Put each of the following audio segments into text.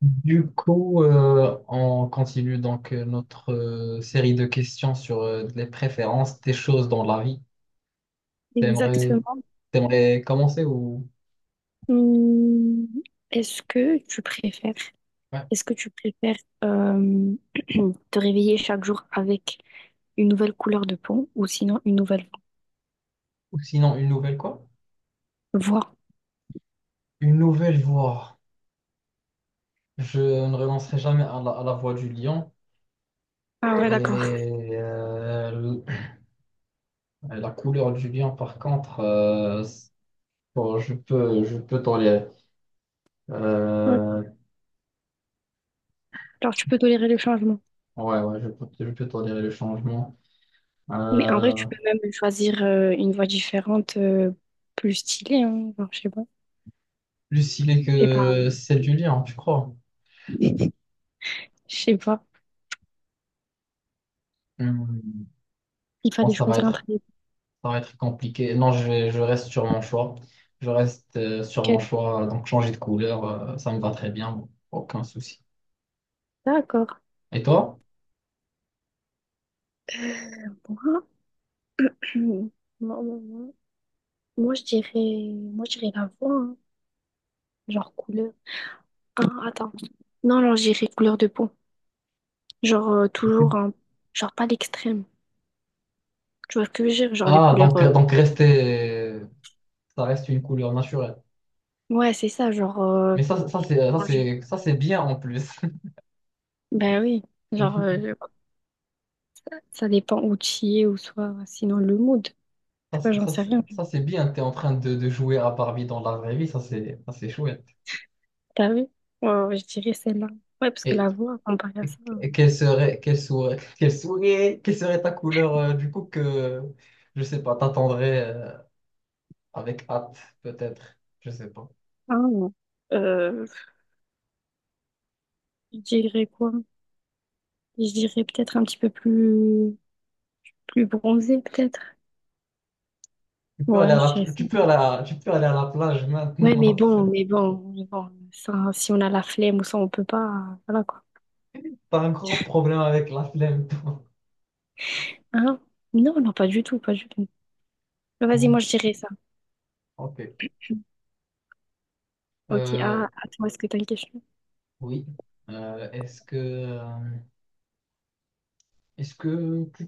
Du coup, on continue donc notre série de questions sur les préférences des choses dans la vie. T'aimerais, Exactement. t'aimerais commencer ou, Hum, Est-ce que tu préfères, ouais. est-ce que tu préfères euh, te réveiller chaque jour avec une nouvelle couleur de peau ou sinon une nouvelle Ou sinon une nouvelle quoi? voix? Une nouvelle voie. Je ne renoncerai jamais à la voie du lion. Ah ouais, d'accord. Et la couleur du lion, par contre, bon, je peux tolérer. Ok. Euh, Alors tu peux tolérer le changement. ouais, ouais, je peux tolérer le changement. Mais en vrai, Euh, tu peux même choisir une voix différente, plus stylée, hein. Genre, je sais pas. plus stylé Je sais pas. que celle du lien, tu crois. Je sais pas. Hmm. Il Bon, fallait ça va choisir entre être, ça va être compliqué. Non, je reste sur mon choix. Je reste sur mon lesquelles. choix. Donc, changer de couleur, ça me va très bien. Bon, aucun souci. D'accord. Et toi? Moi, moi, moi, moi, moi, je dirais la voix, hein. Genre couleur. Ah, attends. Non, alors j'irai couleur de peau. Genre, Ok. toujours, genre pas l'extrême. Tu vois ce que je veux dire? Genre des Ah, couleurs. Ça reste une couleur naturelle. Ouais, c'est ça, genre. Mais ça, ça c'est, ça Orangé. c'est, ça c'est bien en plus. Ben oui. Genre, ça dépend où tu y es ou soit. Sinon, le mood. Je Ça, sais pas, c'est j'en ça, sais c'est- rien. ça, c'est bien. T'es en train de jouer à Barbie dans la vraie vie. Ça, c'est chouette. T'as vu? Ouais, ouais, je dirais celle-là. Ouais, parce que Et, la voix, comparée à ça. Quelle serait ta couleur du coup que, je sais pas, t'attendrais avec hâte, peut-être, je sais pas. Ah, non. Euh, je dirais quoi? Je dirais peut-être un petit peu plus, plus bronzé, peut-être. Tu peux aller Ouais, à je la, dirais ça. tu peux aller à- tu peux aller à la plage Ouais, maintenant. Mais bon, ça, si on a la flemme ou ça, on peut pas. Voilà quoi. T'as un gros problème avec la flemme, toi. Hein? Non, non, pas du tout, pas du tout. Mais vas-y, moi je dirais ça. Ok. Ok, Euh, ah, à toi, est-ce que t'as une question? oui. Euh, est-ce que, euh, est-ce que, tu-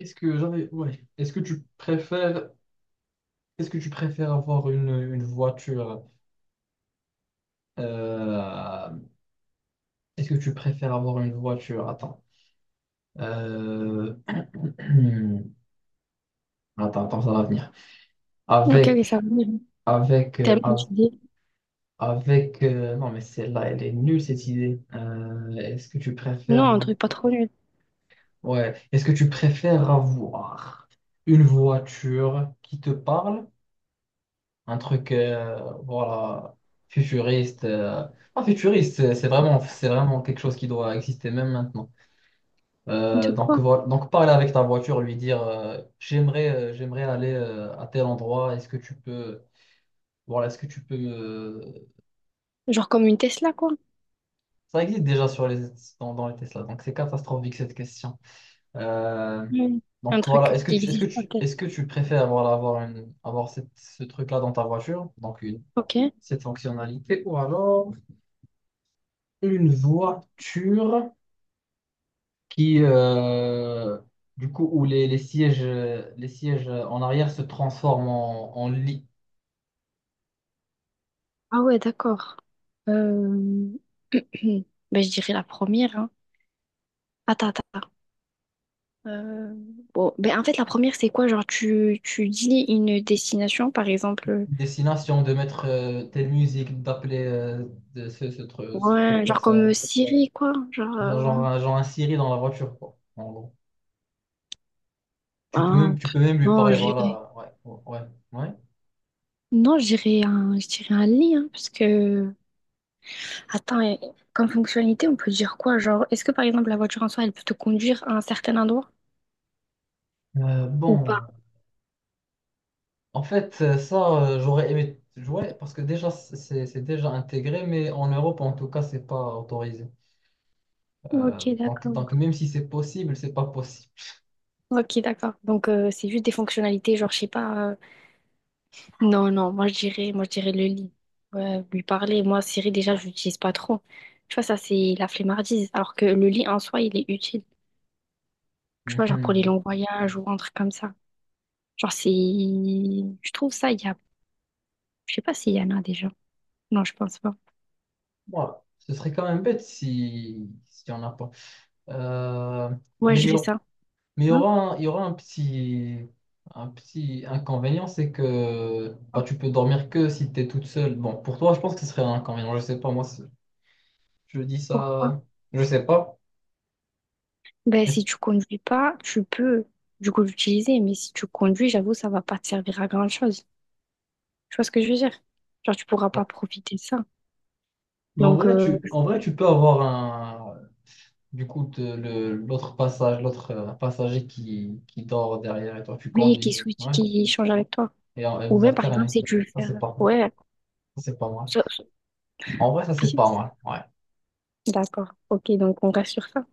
est-ce que j'avais, ouais. Est-ce que tu préfères avoir une voiture? euh, Est-ce que tu préfères avoir une voiture? Attends. Euh, Attends, attends, ça va venir. Ok, ok, ça va. Avec, Mhm. avec, euh, Tellement av- d'idées. avec. Non, mais celle-là, elle est nulle, cette idée. Est-ce que tu Non, préfères. un truc pas trop nul. Ouais. Est-ce que tu préfères avoir une voiture qui te parle? Un truc, voilà, futuriste. Pas futuriste, c'est vraiment, c'est vraiment quelque chose qui doit exister même maintenant. De quoi? Donc, voilà, donc parler avec ta voiture, lui dire j'aimerais j'aimerais aller à tel endroit, est-ce que tu peux Genre comme une Tesla, quoi. ça existe déjà sur les dans, dans les Tesla, donc c'est catastrophique cette question. Euh, Mm. Un donc voilà, truc est-ce que qui tu est-ce que existe pas tu peut-être. est-ce que tu préfères voilà, avoir cette, ce truc-là dans ta voiture, donc une Ok. cette fonctionnalité, ou alors une voiture qui du coup, où les sièges, les sièges en arrière se transforment en lit. Ah ouais, d'accord. Euh... ben, je dirais la première. Hein. Attends. Euh, Bon, ben, en fait, la première, c'est quoi? Genre, tu dis une destination, par exemple. Destination, de mettre telle musique, d'appeler cette Ouais, genre comme personne. Siri, quoi. Genre, Genre un Siri dans la voiture, quoi, en gros. Ben, Tu pff, peux même lui non, ouais. parler, J'irai. voilà. Ouais, ouais, ouais. Non, je dirais un lit, hein, parce que, attends, comme fonctionnalité, on peut dire quoi? Genre, est-ce que par exemple la voiture en soi, elle peut te conduire à un certain endroit ou Bon, pas? en fait, j'aurais aimé jouer parce que déjà, c'est déjà intégré, mais en Europe, en tout cas, c'est pas autorisé. Ok, d'accord. Donc, même si c'est possible, c'est pas possible. Ok, d'accord. Donc, c'est juste des fonctionnalités, genre, je sais pas. Non, non, moi, je dirais le lit. Ouais, lui parler. Moi, Siri, déjà, je l'utilise pas trop. Tu vois, ça, c'est la flemmardise. Alors que le lit en soi, il est utile. Tu vois, genre pour les Mhm. longs voyages ou un truc comme ça. Genre, c'est. Je trouve ça, il y a. Je sais pas s'il y en a déjà. Non, je pense pas. Voilà. Ce serait quand même bête si on n'a pas. Euh, Moi, mais je il y dirais aura, ça. mais il y Hein? aura il y aura un petit inconvénient, c'est que bah, tu peux dormir que si tu es toute seule. Bon, pour toi, je pense que ce serait un inconvénient. Je sais pas, moi, je dis Quoi. ça, je sais pas. Ben, Est-ce que- si tu conduis pas, tu peux, du coup, l'utiliser. Mais si tu conduis, j'avoue, ça va pas te servir à grand-chose. Tu vois ce que je veux dire? Genre, tu pourras ouais. pas profiter de ça. Mais en Donc, vrai, en vrai, tu peux avoir un, du coup, te- le, l'autre l'autre passager qui dort derrière et toi, tu oui, qui conduis. switch, Ouais. qui change avec toi. Et, et Ou vous même, par exemple, alternez. si tu veux Ça, faire. c'est pas, Ouais. ça, c'est pas mal. ça- ça- En vrai, ça, c'est pas mal. Ouais. D'accord. Ok, donc on reste sur ça.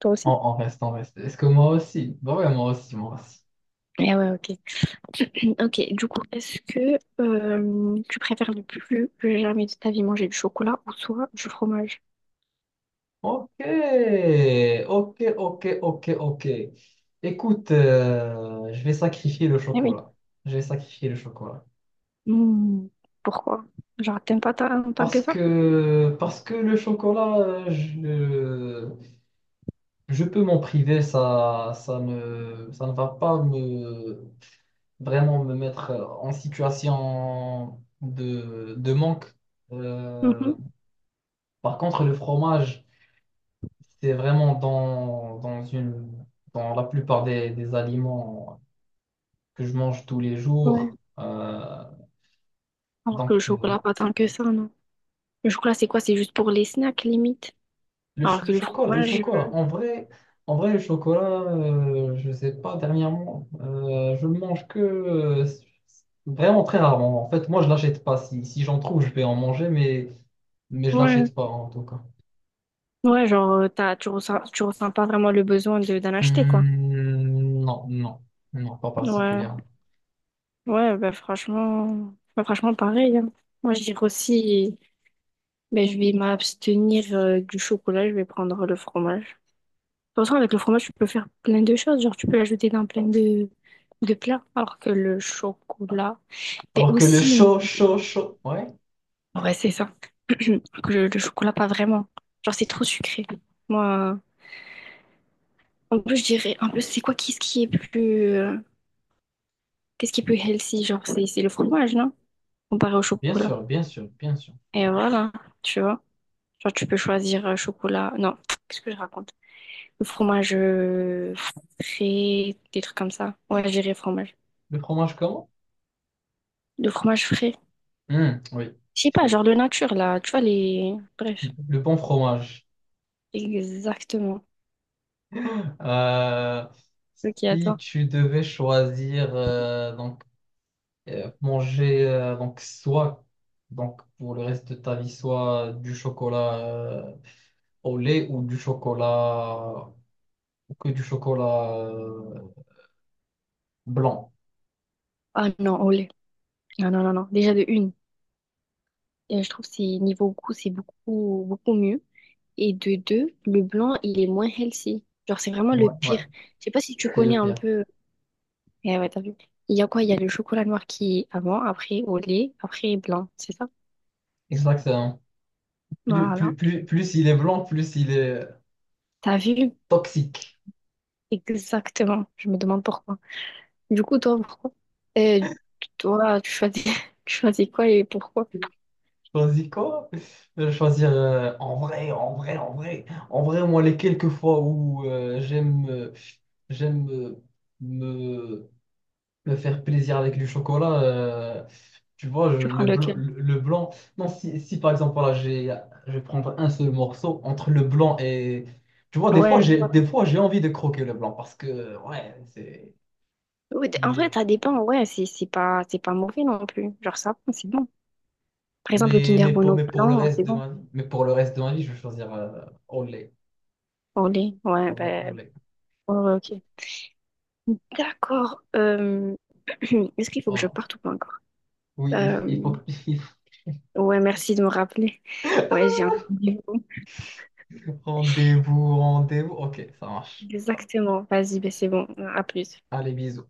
Toi aussi? On reste. Est-ce que moi aussi? Bah ouais, moi aussi, moi aussi. Eh ouais, ok. Ok, du coup, est-ce que tu préfères ne plus que jamais de ta vie manger du chocolat ou soit du fromage? Ok, ok, ok, ok, ok. Écoute, je vais sacrifier le Eh oui. chocolat. Je vais sacrifier le chocolat. Hmm, pourquoi? Genre, t'aimes pas ta- tant que ça? Parce que le chocolat, je peux m'en priver, ça ne va pas me, vraiment me mettre en situation de manque. Euh, Mhm. par contre, le fromage, c'est vraiment dans la plupart des aliments que je mange tous les Ouais. jours. Alors que le donc, euh, chocolat, pas tant que ça, non. Le chocolat, c'est quoi? C'est juste pour les snacks, limite. Alors le que le chocolat, le fromage, chocolat. En vrai, le chocolat, je sais pas, dernièrement, je le mange que vraiment très rarement. En fait, moi, je l'achète pas. Si, si j'en trouve, je vais en manger, mais je ouais. l'achète pas en tout cas. Ouais, genre, tu ressens pas vraiment le besoin de, d'en acheter, quoi. Non, non, non, pas Ouais. particulièrement. Ouais, bah franchement pareil. Hein. Moi, je dirais aussi, ben je vais m'abstenir du chocolat, je vais prendre le fromage. De toute façon, avec le fromage, tu peux faire plein de choses. Genre, tu peux l'ajouter dans plein de plats. Alors que le chocolat, ben Alors que le aussi, chaud, chaud, chaud, ouais, ouais, c'est ça. Que le chocolat, pas vraiment. Genre, c'est trop sucré. Moi, en plus, je dirais, en plus, c'est quoi, qu'est-ce qui est plus, qu'est-ce qui est plus healthy? Genre, c'est le fromage, non? Comparé au bien chocolat. sûr, bien sûr, bien sûr. Et voilà, tu vois. Genre, tu peux choisir chocolat. Non, qu'est-ce que je raconte? Le fromage frais, des trucs comme ça. Ouais, j'irai fromage. Le fromage comment? Le fromage frais. Oui, Je sais pas, genre de nature, là. Tu vois, les... Bref, le bon fromage. exactement. Euh, Ok, à si toi. tu devais choisir, manger donc soit donc pour le reste de ta vie soit du chocolat au lait ou du chocolat ou que du chocolat blanc. Ah non, au lait. Non, non, non, non. Déjà de une, je trouve que c'est niveau goût, c'est beaucoup, beaucoup mieux. Et de deux, le blanc, il est moins healthy. Genre, c'est vraiment le Ouais, ouais, pire. Je sais pas si tu c'est connais le un pire. peu. Eh ouais, t'as vu. Il y a quoi? Il y a le chocolat noir qui est avant, après au lait, après blanc, c'est ça? Exactement. Plus, Voilà. plus, plus, plus il est blanc, plus il est T'as vu? toxique. Exactement. Je me demande pourquoi. Du coup, toi, pourquoi? Euh, toi, tu choisis, tu choisis quoi et pourquoi? Choisis quoi? Je vais choisir en vrai, en vrai, en vrai. En vrai, moi, les quelques fois où j'aime me me faire plaisir avec du chocolat, tu vois, Tu prends lequel? le blanc. Non, si, si par exemple, voilà, je vais prendre un seul morceau entre le blanc et. Tu vois, Ouais, voilà. des fois, j'ai envie de croquer le blanc parce que, ouais, c'est. En Il vrai, est. ça dépend. Ouais, c'est pas mauvais non plus. Genre, ça, va, c'est bon. Par exemple, le Mais, Kinder Bueno mais pour le blanc, c'est reste de bon. ma vie, mais pour le reste de ma vie, je vais choisir au lait. Au lait, ouais, Au lait, au ben, lait. ouais, ouais, ok. D'accord. Est-ce qu'il faut que je Voilà. parte ou pas encore? Oui, il faut Euh, que. Ouais, merci de me rappeler. Ouais, j'ai un rendez-vous. Rendez-vous, rendez-vous. Ok, ça marche. Exactement. Vas-y, ben c'est bon. À plus. Allez, bisous.